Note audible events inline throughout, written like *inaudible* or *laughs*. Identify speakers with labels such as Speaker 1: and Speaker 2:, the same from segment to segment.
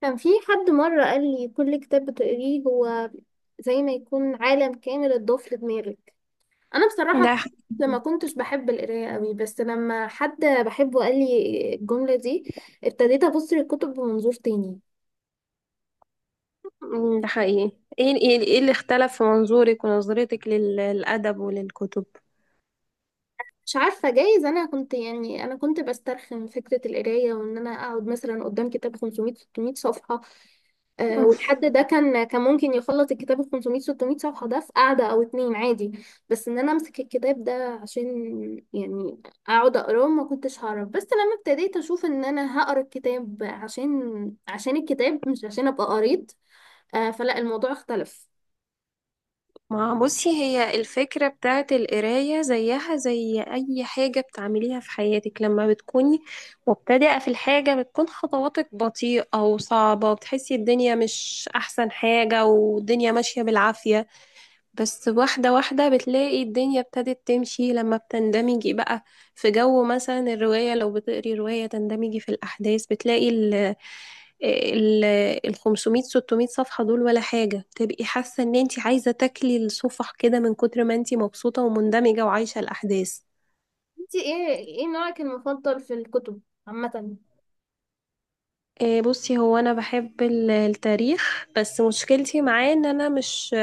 Speaker 1: كان في حد مرة قال لي كل كتاب بتقريه هو زي ما يكون عالم كامل اتضاف لدماغك. أنا بصراحة
Speaker 2: ده حقيقي.
Speaker 1: لما كنتش بحب القراية قوي، بس لما حد بحبه قال لي الجملة دي ابتديت أبص للكتب بمنظور تاني.
Speaker 2: مم، ده حقيقي. ايه ايه إيه اللي اختلف في منظورك ونظرتك للأدب وللكتب؟
Speaker 1: مش عارفة، جايز أنا كنت بسترخم فكرة القراية وإن أنا أقعد مثلا قدام كتاب 500 600 صفحة.
Speaker 2: مم.
Speaker 1: والحد ده كان ممكن يخلص الكتاب ال 500 600 صفحة ده في قعدة أو اتنين عادي. بس إن أنا أمسك الكتاب ده عشان، يعني، أقعد أقراه ما كنتش هعرف. بس لما ابتديت أشوف إن أنا هقرا الكتاب عشان الكتاب مش عشان أبقى قريت. فلا، الموضوع اختلف.
Speaker 2: ما بصي، هي الفكرة بتاعت القراية زيها زي أي حاجة بتعمليها في حياتك. لما بتكوني مبتدئة في الحاجة بتكون خطواتك بطيئة وصعبة، وبتحسي الدنيا مش أحسن حاجة والدنيا ماشية بالعافية، بس واحدة واحدة بتلاقي الدنيا ابتدت تمشي لما بتندمجي بقى في جو. مثلا الرواية، لو بتقري رواية تندمجي في الأحداث، بتلاقي ال ال 500 600 صفحة دول ولا حاجة، تبقي حاسة ان انت عايزة تاكلي الصفح كده من كتر ما انت مبسوطة ومندمجة وعايشة الأحداث.
Speaker 1: انتي ايه نوعك المفضل في الكتب عامة؟
Speaker 2: بصي، هو انا بحب التاريخ، بس مشكلتي معاه ان انا مش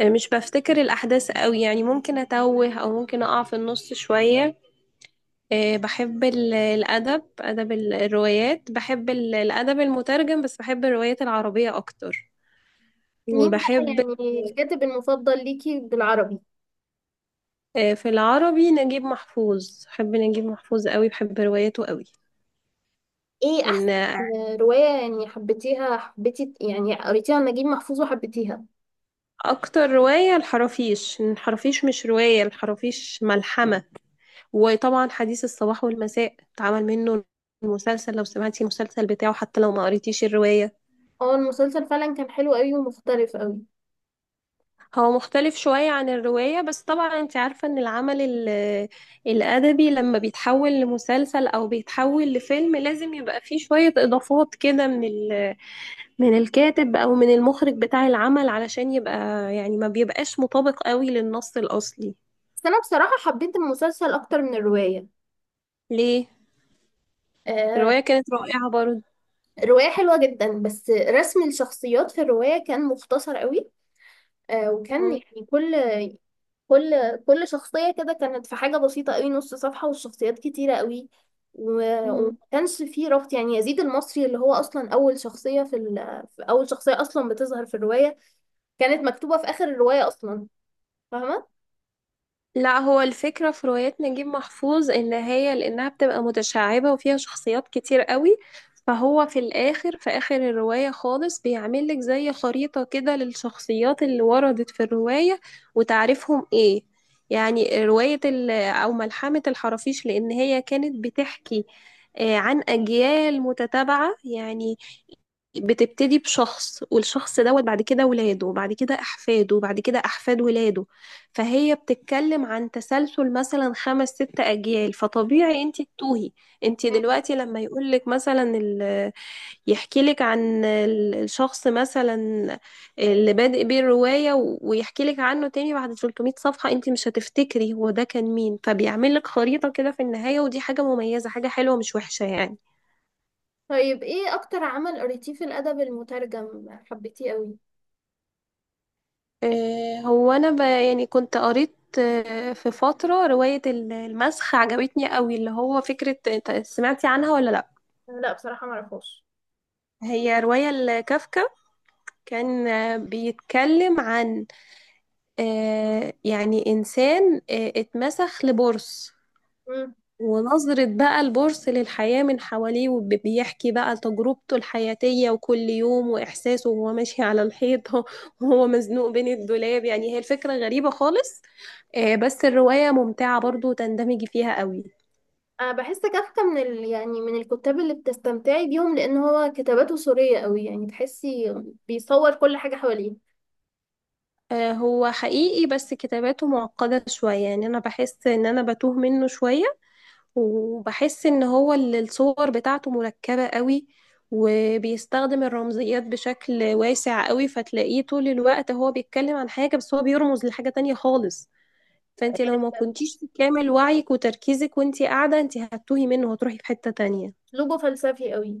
Speaker 2: مش بفتكر الاحداث قوي، يعني ممكن اتوه او ممكن اقع في النص شوية. بحب الأدب، أدب الروايات، بحب الأدب المترجم، بس بحب الروايات العربية أكتر.
Speaker 1: مين بقى
Speaker 2: وبحب
Speaker 1: يعني الكاتب المفضل ليكي بالعربي؟
Speaker 2: في العربي نجيب محفوظ، بحب نجيب محفوظ قوي، بحب رواياته قوي.
Speaker 1: ايه
Speaker 2: إن
Speaker 1: أحسن رواية، يعني حبيتيها حبيتي يعني قريتيها لنجيب محفوظ وحبيتيها؟
Speaker 2: أكتر رواية الحرافيش، إن الحرافيش مش رواية، الحرافيش ملحمة. وطبعا حديث الصباح والمساء اتعمل منه المسلسل، لو سمعتي المسلسل بتاعه حتى لو ما قريتيش الرواية.
Speaker 1: اه، المسلسل فعلا كان حلو قوي ومختلف قوي.
Speaker 2: هو مختلف شوية عن الرواية، بس طبعا انت عارفة ان العمل الأدبي لما بيتحول لمسلسل أو بيتحول لفيلم لازم يبقى فيه شوية إضافات كده من من الكاتب أو من المخرج بتاع العمل، علشان يبقى، يعني ما بيبقاش مطابق قوي للنص الأصلي.
Speaker 1: بس انا بصراحة حبيت المسلسل اكتر من الرواية.
Speaker 2: ليه؟
Speaker 1: آه،
Speaker 2: الرواية كانت رائعة برضه.
Speaker 1: الرواية حلوة جدا، بس رسم الشخصيات في الرواية كان مختصر قوي. وكان يعني كل كل شخصية كده كانت في حاجة بسيطة قوي، نص صفحة، والشخصيات كتيرة قوي. و- وما كانش فيه ربط، يعني يزيد المصري اللي هو اصلا اول شخصية في اول شخصية اصلا بتظهر في الرواية كانت مكتوبة في اخر الرواية اصلا، فاهمة؟
Speaker 2: لا، هو الفكرة في روايات نجيب محفوظ، ان هي لانها بتبقى متشعبة وفيها شخصيات كتير قوي، فهو في الاخر، في اخر الرواية خالص، بيعمل لك زي خريطة كده للشخصيات اللي وردت في الرواية وتعرفهم ايه. يعني رواية او ملحمة الحرافيش، لان هي كانت بتحكي عن اجيال متتابعة يعني، بتبتدي بشخص والشخص دوت بعد كده ولاده وبعد كده احفاده وبعد كده احفاد ولاده، فهي بتتكلم عن تسلسل مثلا خمس ست اجيال، فطبيعي انت تتوهي. انت دلوقتي لما يقولك مثلا يحكي لك عن الشخص مثلا اللي بادئ بيه الرواية ويحكي لك عنه تاني بعد 300 صفحة، انت مش هتفتكري هو ده كان مين، فبيعمل لك خريطة كده في النهاية. ودي حاجة مميزة، حاجة حلوة مش وحشة يعني.
Speaker 1: طيب، ايه اكتر عمل قريتيه في الادب المترجم حبيتيه قوي؟
Speaker 2: هو انا يعني كنت قريت في فترة رواية المسخ، عجبتني قوي، اللي هو فكرة، انت سمعتي عنها ولا لا؟
Speaker 1: لا بصراحة معرفوش.
Speaker 2: هي رواية لكافكا. كان بيتكلم عن يعني انسان اتمسخ لبورص،
Speaker 1: امم
Speaker 2: ونظرة بقى البورس للحياة من حواليه، وبيحكي بقى تجربته الحياتية وكل يوم وإحساسه، وهو ماشي على الحيط *laughs* وهو مزنوق بين الدولاب، يعني هي الفكرة غريبة خالص. بس الرواية ممتعة برضو وتندمج فيها قوي.
Speaker 1: انا بحس كافكا يعني من الكتاب اللي بتستمتعي بيهم، لان هو كتاباته سورية قوي، يعني تحسي بيصور كل حاجة حواليه.
Speaker 2: هو حقيقي، بس كتاباته معقدة شوية، يعني أنا بحس إن أنا بتوه منه شوية، وبحس ان هو الصور بتاعته مركبة قوي، وبيستخدم الرمزيات بشكل واسع قوي، فتلاقيه طول الوقت هو بيتكلم عن حاجة بس هو بيرمز لحاجة تانية خالص. فانت لو ما كنتيش في كامل وعيك وتركيزك وانت قاعدة، انت هتتوهي منه وهتروحي في حتة تانية.
Speaker 1: اسلوبه فلسفي قوي.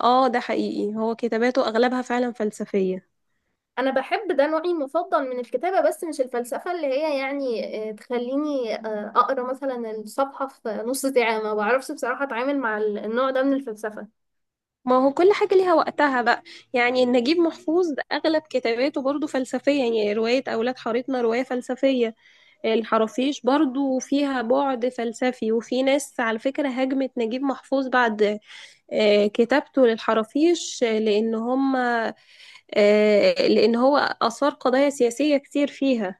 Speaker 2: اه ده حقيقي، هو كتاباته اغلبها فعلا فلسفية.
Speaker 1: انا بحب ده نوعي المفضل من الكتابة، بس مش الفلسفة اللي هي يعني تخليني اقرا مثلا الصفحة في نص ساعة، ما بعرفش بصراحة اتعامل مع النوع ده من الفلسفة.
Speaker 2: ما هو كل حاجة ليها وقتها بقى. يعني نجيب محفوظ اغلب كتاباته برضو فلسفية، يعني رواية اولاد حارتنا رواية فلسفية، الحرافيش برضو فيها بعد فلسفي. وفي ناس على فكرة هاجمت نجيب محفوظ بعد كتابته للحرافيش، آه، لأن هم آه، لأن هو أثار قضايا سياسية كتير فيها.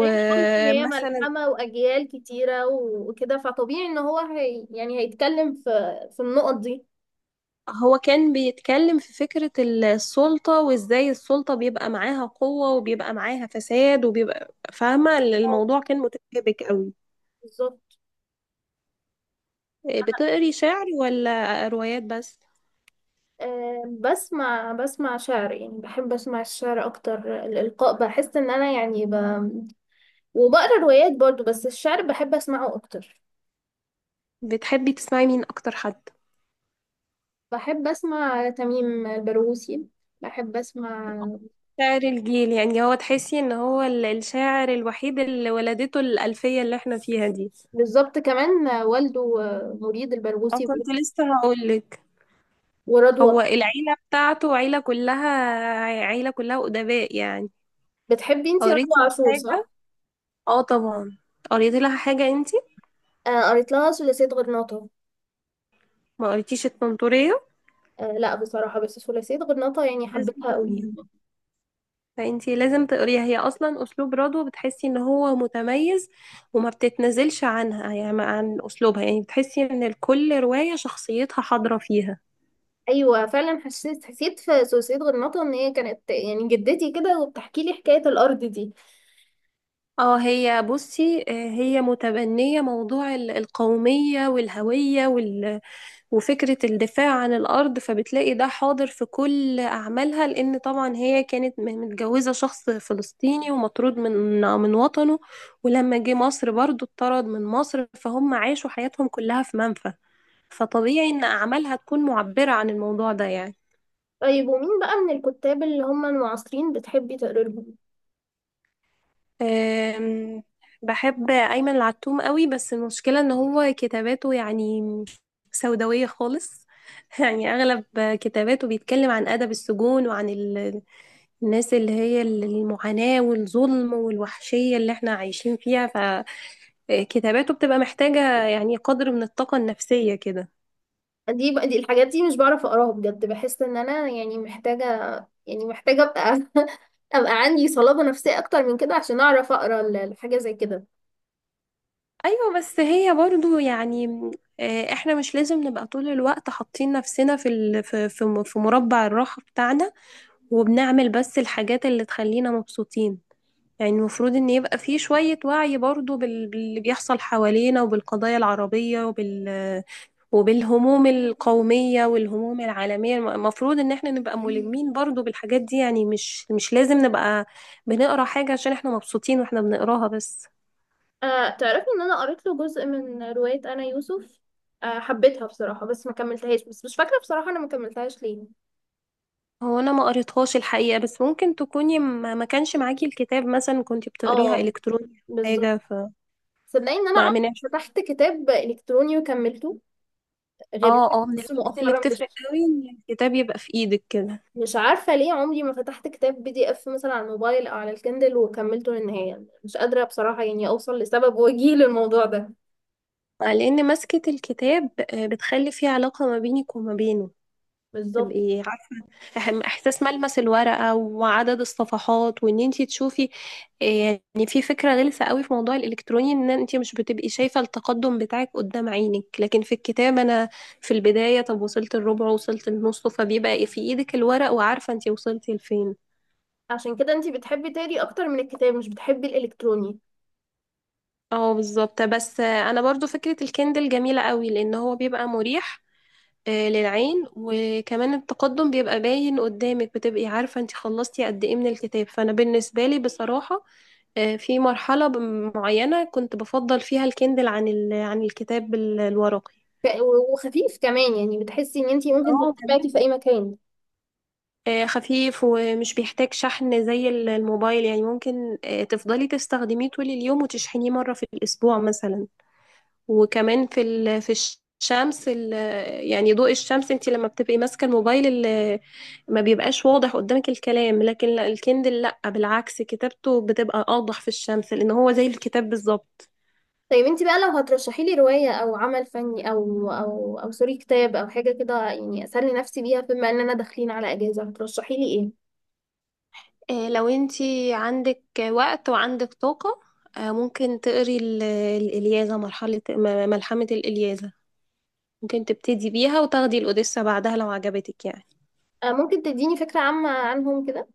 Speaker 1: زي ما قلتي، هي ملحمة وأجيال كتيرة و- وكده، فطبيعي إن هو هي يعني هيتكلم في في النقط دي.
Speaker 2: هو كان بيتكلم في فكرة السلطة، وإزاي السلطة بيبقى معاها قوة وبيبقى معاها فساد، وبيبقى، فاهمة،
Speaker 1: اه،
Speaker 2: الموضوع كان متشابك قوي.
Speaker 1: بالظبط.
Speaker 2: بتقري شعر ولا روايات بس؟
Speaker 1: أه، بسمع شعر، يعني بحب أسمع الشعر أكتر، الإلقاء، بحس إن أنا يعني وبقرا روايات برضو، بس الشعر بحب أسمعه أكتر.
Speaker 2: بتحبي تسمعي مين أكتر حد؟
Speaker 1: بحب أسمع تميم البرغوثي، بحب أسمع
Speaker 2: شاعر الجيل، يعني هو تحسي ان هو الشاعر الوحيد اللي ولدته الألفية اللي احنا فيها دي.
Speaker 1: بالظبط كمان. والده مريد
Speaker 2: انا
Speaker 1: البرغوثي،
Speaker 2: كنت لسه هقولك،
Speaker 1: ورضوى.
Speaker 2: هو العيلة بتاعته عيلة كلها أدباء يعني.
Speaker 1: بتحبي انتي رضوى
Speaker 2: قريتي
Speaker 1: عاشور،
Speaker 2: حاجة؟
Speaker 1: صح؟
Speaker 2: اه طبعا. قريتي لها حاجة انتي؟
Speaker 1: آه، قريت لها ثلاثية غرناطة.
Speaker 2: ما قريتيش التنطورية؟
Speaker 1: آه، لا بصراحة، بس ثلاثية غرناطة يعني
Speaker 2: لازم
Speaker 1: حبيتها قوي.
Speaker 2: تقريها، هي اصلا اسلوب رضوى بتحسي ان هو متميز، وما بتتنزلش عنها يعني عن اسلوبها، يعني بتحسي ان كل رواية شخصيتها حاضرة فيها.
Speaker 1: أيوة، فعلا، حسيت في ثلاثية غرناطة إن هي كانت يعني جدتي كده وبتحكي لي حكاية الأرض دي.
Speaker 2: اه هي بصي، هي متبنية موضوع القومية والهوية وفكرة الدفاع عن الأرض، فبتلاقي ده حاضر في كل أعمالها، لأن طبعا هي كانت متجوزة شخص فلسطيني ومطرود من وطنه. ولما جه مصر برضو اتطرد من مصر، فهم عاشوا حياتهم كلها في منفى، فطبيعي إن أعمالها تكون معبرة عن الموضوع ده يعني.
Speaker 1: طيب، ومين بقى من الكتاب اللي هم المعاصرين بتحبي تقري لهم؟
Speaker 2: أم، بحب أيمن العتوم قوي، بس المشكلة ان هو كتاباته يعني سوداوية خالص. *laughs* يعني أغلب كتاباته بيتكلم عن أدب السجون، وعن الناس اللي هي المعاناة والظلم والوحشية اللي احنا عايشين فيها، فكتاباته بتبقى محتاجة يعني قدر من الطاقة النفسية كده.
Speaker 1: دي بقى، دي الحاجات دي مش بعرف أقراها بجد، بحس إن أنا يعني محتاجة، يعني محتاجة أبقى *laughs* أبقى عندي صلابة نفسية أكتر من كده عشان أعرف أقرأ الحاجة زي كده.
Speaker 2: أيوة، بس هي برضو يعني احنا مش لازم نبقى طول الوقت حاطين نفسنا في في مربع الراحة بتاعنا، وبنعمل بس الحاجات اللي تخلينا مبسوطين. يعني المفروض ان يبقى في شوية وعي برضو باللي بيحصل حوالينا، وبالقضايا العربية وبالهموم القومية والهموم العالمية، المفروض ان احنا نبقى ملمين برضو بالحاجات دي يعني. مش لازم نبقى بنقرا حاجة عشان احنا مبسوطين واحنا بنقراها بس.
Speaker 1: تعرفي ان انا قريت له جزء من رواية انا يوسف، حبيتها بصراحة بس ما كملتهاش، بس مش فاكرة بصراحة انا ما كملتهاش ليه.
Speaker 2: هو انا ما قريتهاش الحقيقة، بس ممكن تكوني ما كانش معاكي الكتاب، مثلا كنت بتقريها
Speaker 1: اه،
Speaker 2: الكتروني أو
Speaker 1: بالظبط.
Speaker 2: حاجة، ف
Speaker 1: صدقني ان انا
Speaker 2: ما
Speaker 1: عمري
Speaker 2: من
Speaker 1: ما فتحت كتاب الكتروني وكملته غير.
Speaker 2: اه من
Speaker 1: بس
Speaker 2: الحاجات اللي
Speaker 1: مؤخرا، مش
Speaker 2: بتفرق قوي ان الكتاب يبقى في ايدك كده،
Speaker 1: مش عارفة ليه عمري ما فتحت كتاب PDF مثلا على الموبايل او على الكندل وكملته للنهاية، مش قادرة بصراحة يعني اوصل لسبب وجيه للموضوع ده.
Speaker 2: لان مسكة الكتاب بتخلي في علاقة ما بينك وما بينه،
Speaker 1: بالظبط.
Speaker 2: تبقي عارفة، احساس ملمس الورقة وعدد الصفحات، وان انتي تشوفي. آه، يعني في فكرة غلسة قوي في موضوع الالكتروني، ان انتي مش بتبقي شايفة التقدم بتاعك قدام عينك، لكن في الكتاب انا في البداية، طب وصلت الربع، وصلت النص، فبيبقى في ايدك الورق وعارفة انتي وصلتي لفين.
Speaker 1: عشان كده انتي بتحبي تقري اكتر من الكتاب، مش بتحبي الالكتروني.
Speaker 2: اه بالظبط، بس انا برضو فكرة الكندل جميلة قوي لان هو بيبقى مريح للعين، وكمان التقدم بيبقى باين قدامك بتبقي عارفة انت خلصتي قد ايه من الكتاب. فانا بالنسبة لي بصراحة في مرحلة معينة كنت بفضل فيها الكندل عن عن الكتاب الورقي.
Speaker 1: ف- وخفيف كمان، يعني بتحسي ان انتي ممكن
Speaker 2: اه
Speaker 1: تاخديه معاكي
Speaker 2: جميل،
Speaker 1: في اي مكان.
Speaker 2: خفيف ومش بيحتاج شحن زي الموبايل، يعني ممكن تفضلي تستخدميه طول اليوم وتشحنيه مرة في الأسبوع مثلا. وكمان في الشمس يعني ضوء الشمس، انت لما بتبقي ماسكه الموبايل ما بيبقاش واضح قدامك الكلام، لكن لا الكندل لا بالعكس، كتابته بتبقى اوضح في الشمس لان هو زي الكتاب بالظبط.
Speaker 1: طيب، انتي بقى لو هترشحي لي رواية او عمل فني او سوري، كتاب او حاجة كده، يعني اسلي نفسي بيها، بما اننا داخلين على اجازة، هترشحي لي ايه؟
Speaker 2: لو انت عندك وقت وعندك طاقه، ممكن تقري الإلياذة، ملحمه الإلياذة، ممكن تبتدي بيها وتاخدي الأوديسة بعدها لو عجبتك يعني.
Speaker 1: ممكن تديني فكرة عامة عنهم كده؟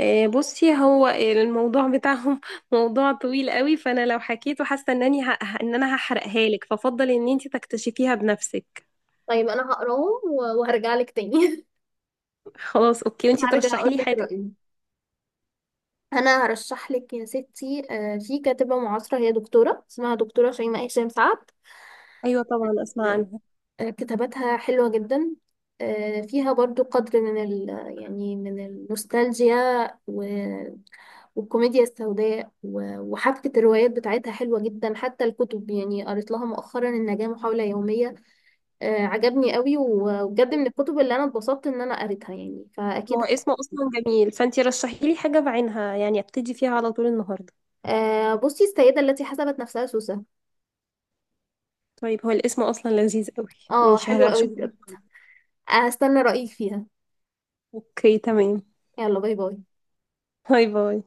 Speaker 2: بصي، هو الموضوع بتاعهم *laughs* موضوع طويل قوي، فانا لو حكيته حاسه انني ان انا هحرقها لك، ففضل ان انت تكتشفيها بنفسك.
Speaker 1: طيب، انا هقراهم و- وهرجع لك تاني.
Speaker 2: خلاص اوكي،
Speaker 1: *laughs*
Speaker 2: وانت
Speaker 1: هرجع
Speaker 2: ترشحي
Speaker 1: اقول
Speaker 2: لي
Speaker 1: لك
Speaker 2: حاجه.
Speaker 1: رأيي. انا هرشح لك يا ستي، في كاتبة معاصرة، هي دكتورة اسمها دكتورة شيماء هشام سعد.
Speaker 2: ايوه طبعا اسمع عنها.
Speaker 1: كتاباتها حلوة جدا، فيها برضو قدر من ال، يعني من النوستالجيا و- والكوميديا السوداء، و- وحبكة الروايات بتاعتها حلوة جدا. حتى الكتب، يعني قريت لها مؤخرا النجاة محاولة يومية، عجبني قوي و- وبجد من الكتب اللي أنا اتبسطت إن أنا قريتها، يعني
Speaker 2: هو
Speaker 1: فأكيد.
Speaker 2: اسمه اصلا جميل، فانت رشحي لي حاجه بعينها يعني، ابتدي فيها على طول النهارده.
Speaker 1: بصي، السيدة التي حسبت نفسها سوسة.
Speaker 2: طيب، هو الاسم اصلا لذيذ قوي.
Speaker 1: اه،
Speaker 2: ماشي
Speaker 1: حلوة قوي
Speaker 2: هشوف.
Speaker 1: بجد. هستنى رأيك فيها.
Speaker 2: اوكي تمام.
Speaker 1: يلا، باي باي.
Speaker 2: باي باي.